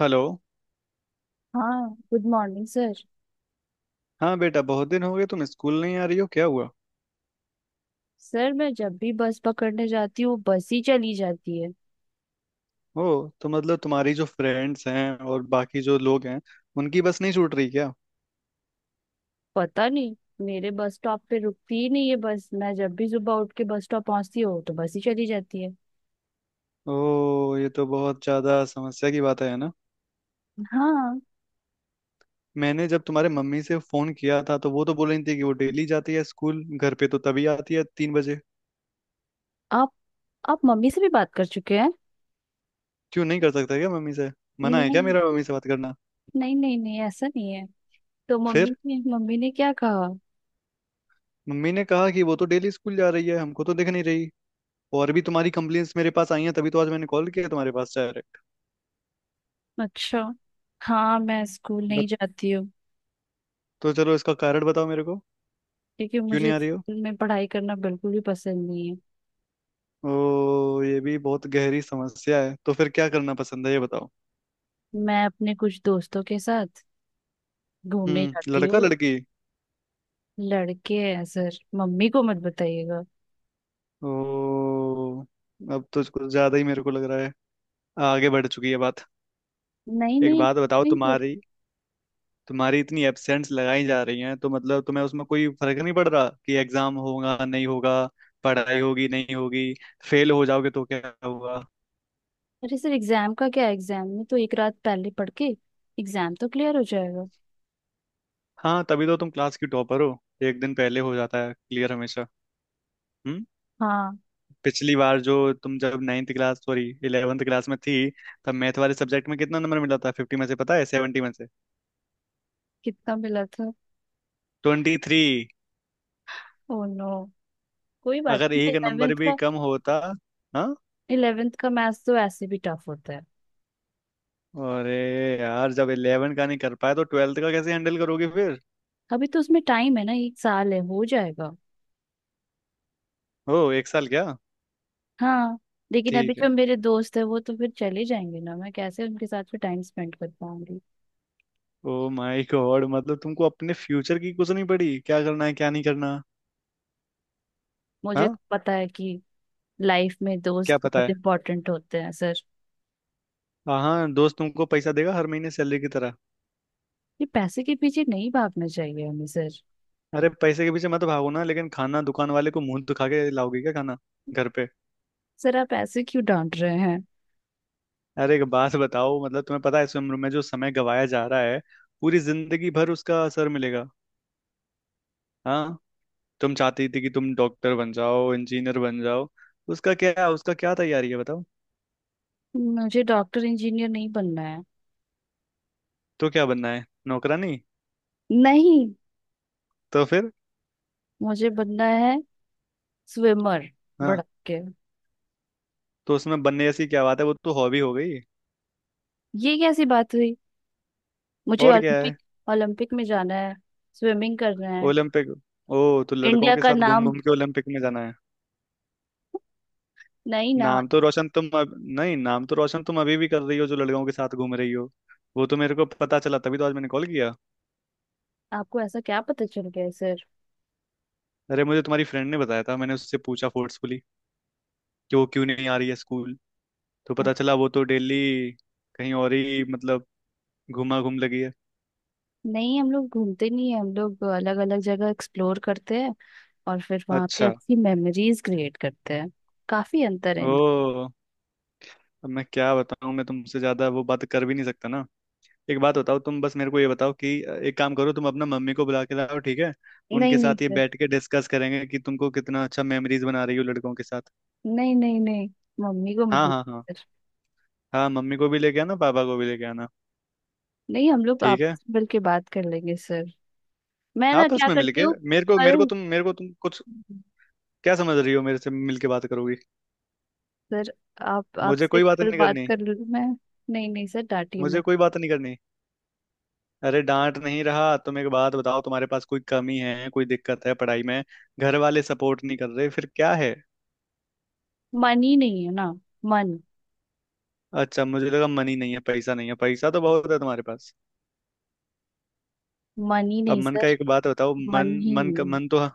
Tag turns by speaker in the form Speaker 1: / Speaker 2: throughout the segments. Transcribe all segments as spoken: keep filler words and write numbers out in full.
Speaker 1: Hello.
Speaker 2: हाँ good morning sir.
Speaker 1: हाँ बेटा, बहुत दिन हो गए, तुम स्कूल नहीं आ रही हो, क्या हुआ?
Speaker 2: सर मैं जब भी बस पकड़ने जाती हूँ बस ही चली जाती है।
Speaker 1: ओ। तो मतलब तुम्हारी जो फ्रेंड्स हैं और बाकी जो लोग हैं, उनकी बस नहीं छूट रही क्या?
Speaker 2: पता नहीं। मेरे बस स्टॉप पे रुकती ही नहीं है बस, मैं जब भी सुबह उठ के बस स्टॉप पहुंचती हूँ तो बस ही चली जाती है।
Speaker 1: ओ, ये तो बहुत ज्यादा समस्या की बात है ना।
Speaker 2: हाँ।
Speaker 1: मैंने जब तुम्हारे मम्मी से फोन किया था तो वो तो बोल रही थी कि वो डेली जाती है स्कूल, घर पे तो तभी आती है तीन बजे।
Speaker 2: आप आप मम्मी से भी बात कर चुके हैं?
Speaker 1: क्यों, नहीं कर सकता क्या मम्मी से? मना है क्या
Speaker 2: नहीं,
Speaker 1: मेरा मम्मी से बात करना?
Speaker 2: नहीं नहीं नहीं, ऐसा नहीं है। तो मम्मी
Speaker 1: फिर
Speaker 2: ने मम्मी ने क्या कहा?
Speaker 1: मम्मी ने कहा कि वो तो डेली स्कूल जा रही है, हमको तो दिख नहीं रही। और भी तुम्हारी कंप्लेंट्स मेरे पास आई हैं, तभी तो आज मैंने कॉल किया तुम्हारे पास डायरेक्ट।
Speaker 2: अच्छा। हाँ मैं स्कूल नहीं जाती हूँ,
Speaker 1: तो चलो, इसका कारण बताओ मेरे को,
Speaker 2: क्योंकि
Speaker 1: क्यों
Speaker 2: मुझे
Speaker 1: नहीं आ रही हो?
Speaker 2: स्कूल में पढ़ाई करना बिल्कुल भी पसंद नहीं है।
Speaker 1: ओ, ये भी बहुत गहरी समस्या है। तो फिर क्या करना पसंद है, ये बताओ।
Speaker 2: मैं अपने कुछ दोस्तों के साथ घूमने
Speaker 1: हम्म,
Speaker 2: जाती
Speaker 1: लड़का
Speaker 2: हूँ।
Speaker 1: लड़की?
Speaker 2: लड़के हैं सर, मम्मी को मत बताइएगा।
Speaker 1: ओ, अब तो कुछ ज्यादा ही मेरे को लग रहा है, आगे बढ़ चुकी है बात।
Speaker 2: नहीं
Speaker 1: एक
Speaker 2: नहीं,
Speaker 1: बात
Speaker 2: कुछ
Speaker 1: बताओ,
Speaker 2: नहीं, बट।
Speaker 1: तुम्हारी तुम्हारी इतनी एब्सेंट्स लगाई जा रही हैं तो मतलब तुम्हें उसमें कोई फर्क नहीं पड़ रहा कि एग्जाम होगा नहीं होगा, पढ़ाई होगी नहीं होगी, फेल हो जाओगे तो क्या हुआ?
Speaker 2: अरे सर एग्जाम का क्या, एग्जाम में तो एक रात पहले पढ़ के एग्जाम तो क्लियर हो जाएगा।
Speaker 1: हाँ, तभी तो तुम क्लास की टॉपर हो, एक दिन पहले हो जाता है क्लियर हमेशा। हम्म?
Speaker 2: हाँ।
Speaker 1: पिछली बार जो तुम जब ninth class sorry eleventh class में थी, तब मैथ वाले सब्जेक्ट में कितना नंबर मिला था? फिफ्टी में से? पता है? सेवेंटी में से
Speaker 2: कितना मिला था?
Speaker 1: Twenty three.
Speaker 2: Oh no. कोई बात
Speaker 1: अगर
Speaker 2: नहीं,
Speaker 1: एक नंबर
Speaker 2: इलेवेंथ
Speaker 1: भी
Speaker 2: का
Speaker 1: कम होता। हाँ।
Speaker 2: इलेवेंथ का मैथ्स तो ऐसे भी टफ होता है।
Speaker 1: अरे यार, जब इलेवन का नहीं कर पाए तो ट्वेल्थ का कैसे हैंडल करोगे फिर?
Speaker 2: अभी तो उसमें टाइम है ना, एक साल है, हो जाएगा।
Speaker 1: ओ, एक साल क्या।
Speaker 2: हाँ। लेकिन अभी
Speaker 1: ठीक है।
Speaker 2: जो मेरे दोस्त है वो तो फिर चले जाएंगे ना, मैं कैसे उनके साथ फिर टाइम स्पेंड कर पाऊंगी?
Speaker 1: ओ माय गॉड, मतलब तुमको अपने फ्यूचर की कुछ नहीं पड़ी, क्या करना है क्या नहीं करना।
Speaker 2: मुझे तो
Speaker 1: हाँ।
Speaker 2: पता है कि लाइफ में
Speaker 1: क्या
Speaker 2: दोस्त
Speaker 1: पता
Speaker 2: बहुत
Speaker 1: है?
Speaker 2: इंपॉर्टेंट होते हैं सर।
Speaker 1: हाँ, दोस्त तुमको पैसा देगा हर महीने सैलरी की तरह?
Speaker 2: ये पैसे के पीछे नहीं भागना चाहिए हमें सर।
Speaker 1: अरे पैसे के पीछे मत भागो ना, लेकिन खाना दुकान वाले को मुंह दिखा के लाओगे क्या, खाना घर पे?
Speaker 2: सर आप ऐसे क्यों डांट रहे हैं?
Speaker 1: अरे एक बात बताओ, मतलब तुम्हें पता है इस उम्र में जो समय गवाया जा रहा है, पूरी जिंदगी भर उसका असर मिलेगा। हाँ। तुम चाहती थी कि तुम डॉक्टर बन जाओ, इंजीनियर बन जाओ, उसका क्या, उसका क्या तैयारी है बताओ।
Speaker 2: मुझे डॉक्टर इंजीनियर नहीं बनना है।
Speaker 1: तो क्या बनना है, नौकरानी?
Speaker 2: नहीं।
Speaker 1: तो फिर?
Speaker 2: मुझे बनना है स्विमर,
Speaker 1: हाँ।
Speaker 2: भड़क के।
Speaker 1: तो उसमें बनने जैसी क्या बात है, वो तो हॉबी हो गई।
Speaker 2: ये कैसी बात हुई? मुझे
Speaker 1: और क्या
Speaker 2: ओलंपिक,
Speaker 1: है?
Speaker 2: ओलंपिक में जाना है, स्विमिंग करना है।
Speaker 1: ओलंपिक? ओ, तो लड़कों
Speaker 2: इंडिया
Speaker 1: के
Speaker 2: का
Speaker 1: साथ घूम
Speaker 2: नाम।
Speaker 1: घूम के ओलंपिक में जाना है?
Speaker 2: नहीं ना।
Speaker 1: नाम तो रोशन तुम अब नहीं, नाम तो रोशन तुम अभी भी कर रही हो जो लड़कों के साथ घूम रही हो। वो तो मेरे को पता चला तभी तो आज मैंने कॉल किया।
Speaker 2: आपको ऐसा क्या पता चल गया है, सर?
Speaker 1: अरे मुझे तुम्हारी फ्रेंड ने बताया था, मैंने उससे पूछा फोर्सफुली, कि वो क्यों नहीं आ रही है स्कूल। तो पता चला वो तो डेली कहीं और ही, मतलब घुमा घूम लगी है।
Speaker 2: नहीं हम लोग घूमते नहीं है, हम लोग अलग अलग जगह एक्सप्लोर करते हैं और फिर वहां पे
Speaker 1: अच्छा।
Speaker 2: अच्छी मेमोरीज क्रिएट करते हैं। काफी अंतर है इन दो-
Speaker 1: ओ, अब मैं क्या बताऊं, मैं तुमसे ज्यादा वो बात कर भी नहीं सकता ना। एक बात बताओ, तुम बस मेरे को ये बताओ कि अ, एक काम करो, तुम अपना मम्मी को बुला के लाओ, ठीक है।
Speaker 2: नहीं
Speaker 1: उनके
Speaker 2: नहीं
Speaker 1: साथ ये
Speaker 2: सर।
Speaker 1: बैठ के डिस्कस करेंगे कि तुमको कितना अच्छा मेमोरीज बना रही हो लड़कों के साथ।
Speaker 2: नहीं नहीं नहीं, मम्मी को मत
Speaker 1: हाँ
Speaker 2: बोलो
Speaker 1: हाँ हाँ।
Speaker 2: सर।
Speaker 1: हाँ मम्मी को भी लेके आना, पापा को भी लेके आना।
Speaker 2: नहीं हम लोग
Speaker 1: ठीक है।
Speaker 2: आपस में मिल के बात कर लेंगे सर। मैं ना
Speaker 1: आपस
Speaker 2: क्या
Speaker 1: में
Speaker 2: करती
Speaker 1: मिलके?
Speaker 2: हूँ,
Speaker 1: मेरे को मेरे को
Speaker 2: कल,
Speaker 1: तुम मेरे को तुम कुछ क्या समझ रही हो, मेरे से मिलके बात करोगी?
Speaker 2: सर आप,
Speaker 1: मुझे
Speaker 2: आपसे
Speaker 1: कोई बात
Speaker 2: कल
Speaker 1: नहीं
Speaker 2: बात
Speaker 1: करनी।
Speaker 2: कर लूँ मैं? नहीं नहीं सर डांटिए
Speaker 1: मुझे
Speaker 2: मत।
Speaker 1: कोई बात नहीं करनी। अरे डांट नहीं रहा, तुम एक बात बताओ, तुम्हारे पास कोई कमी है, कोई दिक्कत है पढ़ाई में, घर वाले सपोर्ट नहीं कर रहे, फिर क्या है?
Speaker 2: मन ही नहीं है ना। मन,
Speaker 1: अच्छा, मुझे लगा मन ही नहीं है, पैसा नहीं है, पैसा तो बहुत है तुम्हारे पास।
Speaker 2: मन ही
Speaker 1: अब
Speaker 2: नहीं
Speaker 1: मन का
Speaker 2: सर,
Speaker 1: एक बात बताओ,
Speaker 2: मन
Speaker 1: मन,
Speaker 2: ही
Speaker 1: मन का,
Speaker 2: नहीं।
Speaker 1: मन तो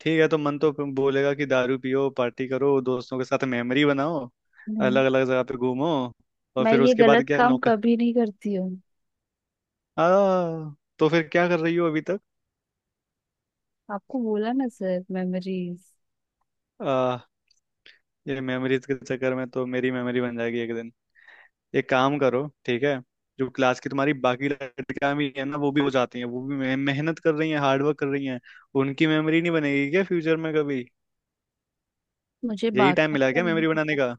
Speaker 1: ठीक है, तो मन तो फिर बोलेगा कि दारू पियो, पार्टी करो, दोस्तों के साथ मेमोरी बनाओ,
Speaker 2: नहीं
Speaker 1: अलग अलग जगह पे घूमो, और
Speaker 2: मैं
Speaker 1: फिर
Speaker 2: ये
Speaker 1: उसके बाद
Speaker 2: गलत
Speaker 1: क्या,
Speaker 2: काम
Speaker 1: नौकर?
Speaker 2: कभी नहीं करती हूँ।
Speaker 1: आ, तो फिर क्या कर रही हो अभी तक?
Speaker 2: आपको बोला ना सर, मेमोरीज।
Speaker 1: आ, ये मेमोरीज के चक्कर में तो मेरी मेमोरी बन जाएगी एक दिन। एक काम करो, ठीक है, जो क्लास की तुम्हारी बाकी लड़कियां भी है ना, वो भी हो जाती हैं, वो भी मे- मेहनत कर रही हैं, हार्डवर्क कर रही हैं। उनकी मेमोरी नहीं बनेगी क्या फ्यूचर में कभी?
Speaker 2: मुझे
Speaker 1: यही टाइम
Speaker 2: बाकी
Speaker 1: मिला
Speaker 2: का
Speaker 1: क्या
Speaker 2: नहीं
Speaker 1: मेमोरी बनाने
Speaker 2: पता।
Speaker 1: का?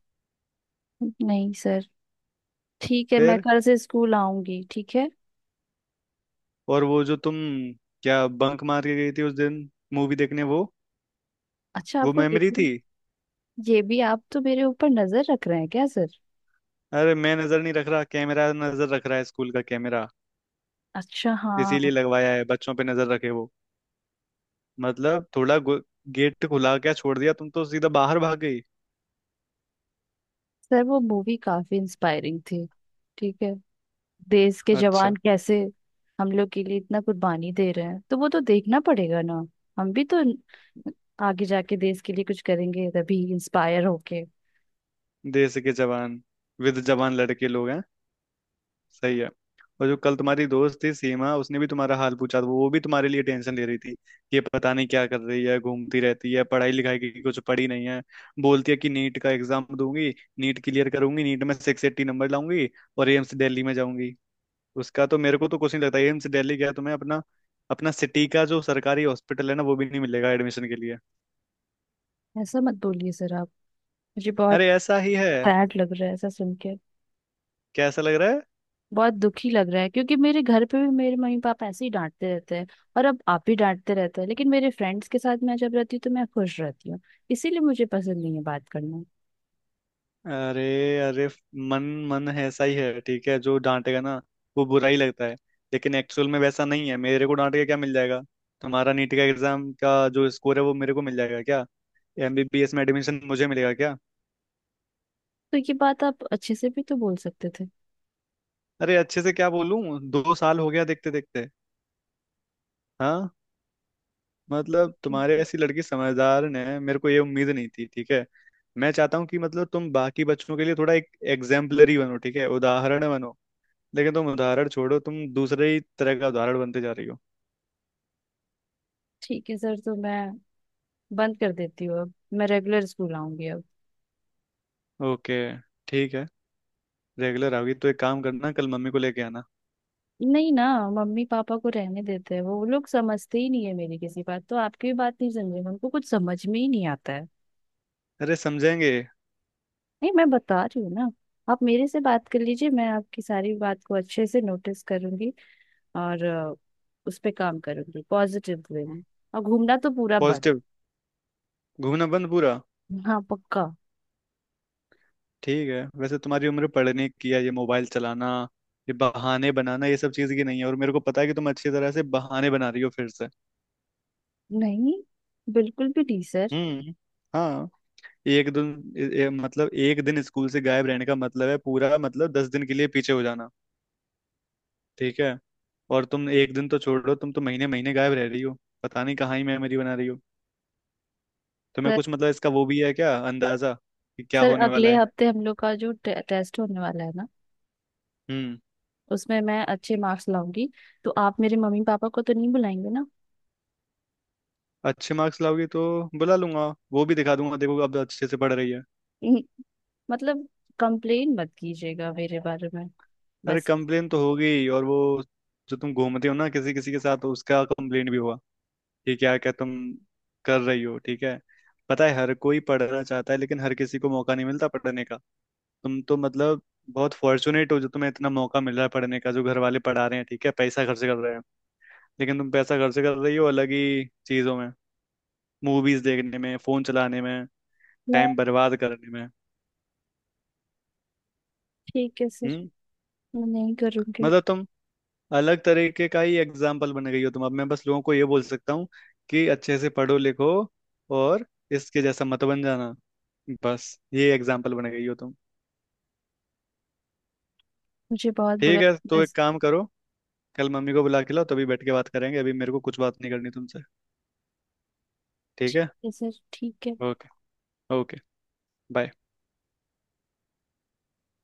Speaker 2: नहीं सर, ठीक है मैं
Speaker 1: फिर,
Speaker 2: कल से स्कूल आऊंगी, ठीक है।
Speaker 1: और वो जो तुम क्या बंक मार के गई थी उस दिन मूवी देखने, वो
Speaker 2: अच्छा
Speaker 1: वो
Speaker 2: आपको ये
Speaker 1: मेमोरी थी?
Speaker 2: भी, ये भी, आप तो मेरे ऊपर नजर रख रहे हैं क्या सर?
Speaker 1: अरे मैं नजर नहीं रख रहा, कैमरा नजर रख रहा है, स्कूल का कैमरा।
Speaker 2: अच्छा हाँ।
Speaker 1: इसीलिए लगवाया है, बच्चों पे नजर रखे वो। मतलब थोड़ा गो- गेट खुला क्या छोड़ दिया, तुम तो सीधा बाहर भाग गई।
Speaker 2: सर वो मूवी काफी इंस्पायरिंग थी, ठीक है। देश के
Speaker 1: अच्छा,
Speaker 2: जवान कैसे हम लोग के लिए इतना कुर्बानी दे रहे हैं, तो वो तो देखना पड़ेगा ना। हम भी तो आगे जाके देश के लिए कुछ करेंगे तभी, इंस्पायर होके।
Speaker 1: देश के जवान, विद जवान लड़के लोग हैं। सही है। और जो कल तुम्हारी दोस्त थी सीमा, उसने भी तुम्हारा हाल पूछा था, वो भी तुम्हारे लिए टेंशन ले रही थी कि ये पता नहीं क्या कर रही है, घूमती रहती है, पढ़ाई लिखाई की कुछ पढ़ी नहीं है। बोलती है कि नीट का एग्जाम दूंगी, नीट क्लियर करूंगी, नीट में सिक्स एट्टी नंबर लाऊंगी और एम्स दिल्ली में जाऊंगी। उसका तो मेरे को तो कुछ नहीं लगता, एम्स दिल्ली गया तुम्हें, अपना अपना सिटी का जो सरकारी हॉस्पिटल है ना वो भी नहीं मिलेगा एडमिशन के लिए।
Speaker 2: ऐसा मत बोलिए सर आप, मुझे बहुत
Speaker 1: अरे ऐसा ही है।
Speaker 2: सैड लग रहा है ऐसा सुन के।
Speaker 1: कैसा लग रहा है?
Speaker 2: बहुत दुखी लग रहा है, क्योंकि मेरे घर पे भी मेरे मम्मी पापा ऐसे ही डांटते रहते हैं और अब आप भी डांटते रहते हैं, लेकिन मेरे फ्रेंड्स के साथ मैं जब रहती हूँ तो मैं खुश रहती हूँ, इसीलिए मुझे पसंद नहीं है बात करना।
Speaker 1: अरे अरे, मन, मन है, ऐसा ही है, ठीक है जो डांटेगा ना वो बुरा ही लगता है, लेकिन एक्चुअल में वैसा नहीं है। मेरे को डांट के क्या मिल जाएगा? तुम्हारा नीट का एग्जाम का जो स्कोर है, वो मेरे को मिल जाएगा क्या? एमबीबीएस में एडमिशन मुझे मिलेगा क्या?
Speaker 2: तो ये बात आप अच्छे से भी तो बोल सकते थे।
Speaker 1: अरे अच्छे से क्या बोलूं, दो साल हो गया देखते देखते। हाँ, मतलब
Speaker 2: ठीक है
Speaker 1: तुम्हारे
Speaker 2: सर।
Speaker 1: ऐसी लड़की समझदार ने मेरे को ये उम्मीद नहीं थी, ठीक है? मैं चाहता हूँ कि मतलब तुम बाकी बच्चों के लिए थोड़ा एक एग्जाम्पलरी बनो, ठीक है, उदाहरण बनो। लेकिन तुम उदाहरण छोड़ो, तुम दूसरे ही तरह का उदाहरण बनते जा रही हो।
Speaker 2: ठीक है सर, तो मैं बंद कर देती हूँ अब, मैं रेगुलर स्कूल आऊंगी अब।
Speaker 1: ओके। ठीक है, रेगुलर आओगी तो एक काम करना, कल मम्मी को लेके आना।
Speaker 2: नहीं ना, मम्मी पापा को रहने देते हैं, वो लोग समझते ही नहीं है मेरी किसी बात, तो आपकी भी बात नहीं समझे, उनको कुछ समझ में ही नहीं आता है।
Speaker 1: अरे समझेंगे।
Speaker 2: नहीं मैं बता रही हूँ ना, आप मेरे से बात कर लीजिए, मैं आपकी सारी बात को अच्छे से नोटिस करूंगी और अ, उस पे काम करूंगी पॉजिटिव वे में, और घूमना तो पूरा बंद।
Speaker 1: पॉजिटिव, घूमना बंद पूरा।
Speaker 2: हाँ पक्का।
Speaker 1: ठीक है, वैसे तुम्हारी उम्र पढ़ने की है, ये मोबाइल चलाना, ये बहाने बनाना ये सब चीज की नहीं है, और मेरे को पता है कि तुम अच्छी तरह से बहाने बना रही हो फिर से।
Speaker 2: नहीं, बिल्कुल भी नहीं सर।
Speaker 1: हम्म। हाँ। एक दिन ए, ए, मतलब एक दिन स्कूल से गायब रहने का मतलब है पूरा मतलब दस दिन के लिए पीछे हो जाना, ठीक है? और तुम एक दिन तो छोड़ो, तुम तो महीने महीने गायब रह रही हो, पता नहीं कहाँ ही मेमोरी बना रही हो, तुम्हें
Speaker 2: सर,
Speaker 1: कुछ मतलब इसका वो भी है क्या अंदाजा कि क्या
Speaker 2: सर,
Speaker 1: होने वाला
Speaker 2: अगले
Speaker 1: है?
Speaker 2: हफ्ते हम लोग का जो टे, टेस्ट होने वाला है ना,
Speaker 1: हम्म।
Speaker 2: उसमें मैं अच्छे मार्क्स लाऊंगी, तो आप मेरे मम्मी पापा को तो नहीं बुलाएंगे ना?
Speaker 1: अच्छे मार्क्स लाओगी तो बुला लूंगा, वो भी दिखा दूंगा, देखो अब अच्छे से पढ़ रही है।
Speaker 2: हम्म, मतलब, कंप्लेन मत कीजिएगा मेरे बारे में
Speaker 1: अरे
Speaker 2: बस।
Speaker 1: कंप्लेन तो होगी, और वो जो तुम घूमते हो ना किसी किसी के साथ, उसका कंप्लेन भी होगा कि क्या क्या तुम कर रही हो, ठीक है? पता है, हर कोई पढ़ना चाहता है लेकिन हर किसी को मौका नहीं मिलता पढ़ने का। तुम तो मतलब बहुत फॉर्चुनेट हो जो तुम्हें इतना मौका मिल रहा है पढ़ने का, जो घर वाले पढ़ा रहे हैं, ठीक है, पैसा खर्च कर रहे हैं, लेकिन तुम पैसा खर्च कर रही हो अलग ही चीजों में, मूवीज देखने में, फोन चलाने में, टाइम बर्बाद करने में।
Speaker 2: ठीक है सर,
Speaker 1: हम्म,
Speaker 2: मैं नहीं करूंगी।
Speaker 1: मतलब तुम अलग तरीके का ही एग्जाम्पल बन गई हो, तुम। अब मैं बस लोगों को ये बोल सकता हूँ कि अच्छे से पढ़ो लिखो, और इसके जैसा मत बन जाना। बस, ये एग्जाम्पल बन गई हो तुम।
Speaker 2: मुझे बहुत बुरा।
Speaker 1: ठीक है, तो एक काम करो, कल मम्मी को बुला के लाओ, तभी बैठ के बात करेंगे, अभी मेरे को कुछ बात नहीं करनी तुमसे, ठीक
Speaker 2: ठीक
Speaker 1: है?
Speaker 2: है सर, ठीक है।
Speaker 1: ओके। ओके। बाय।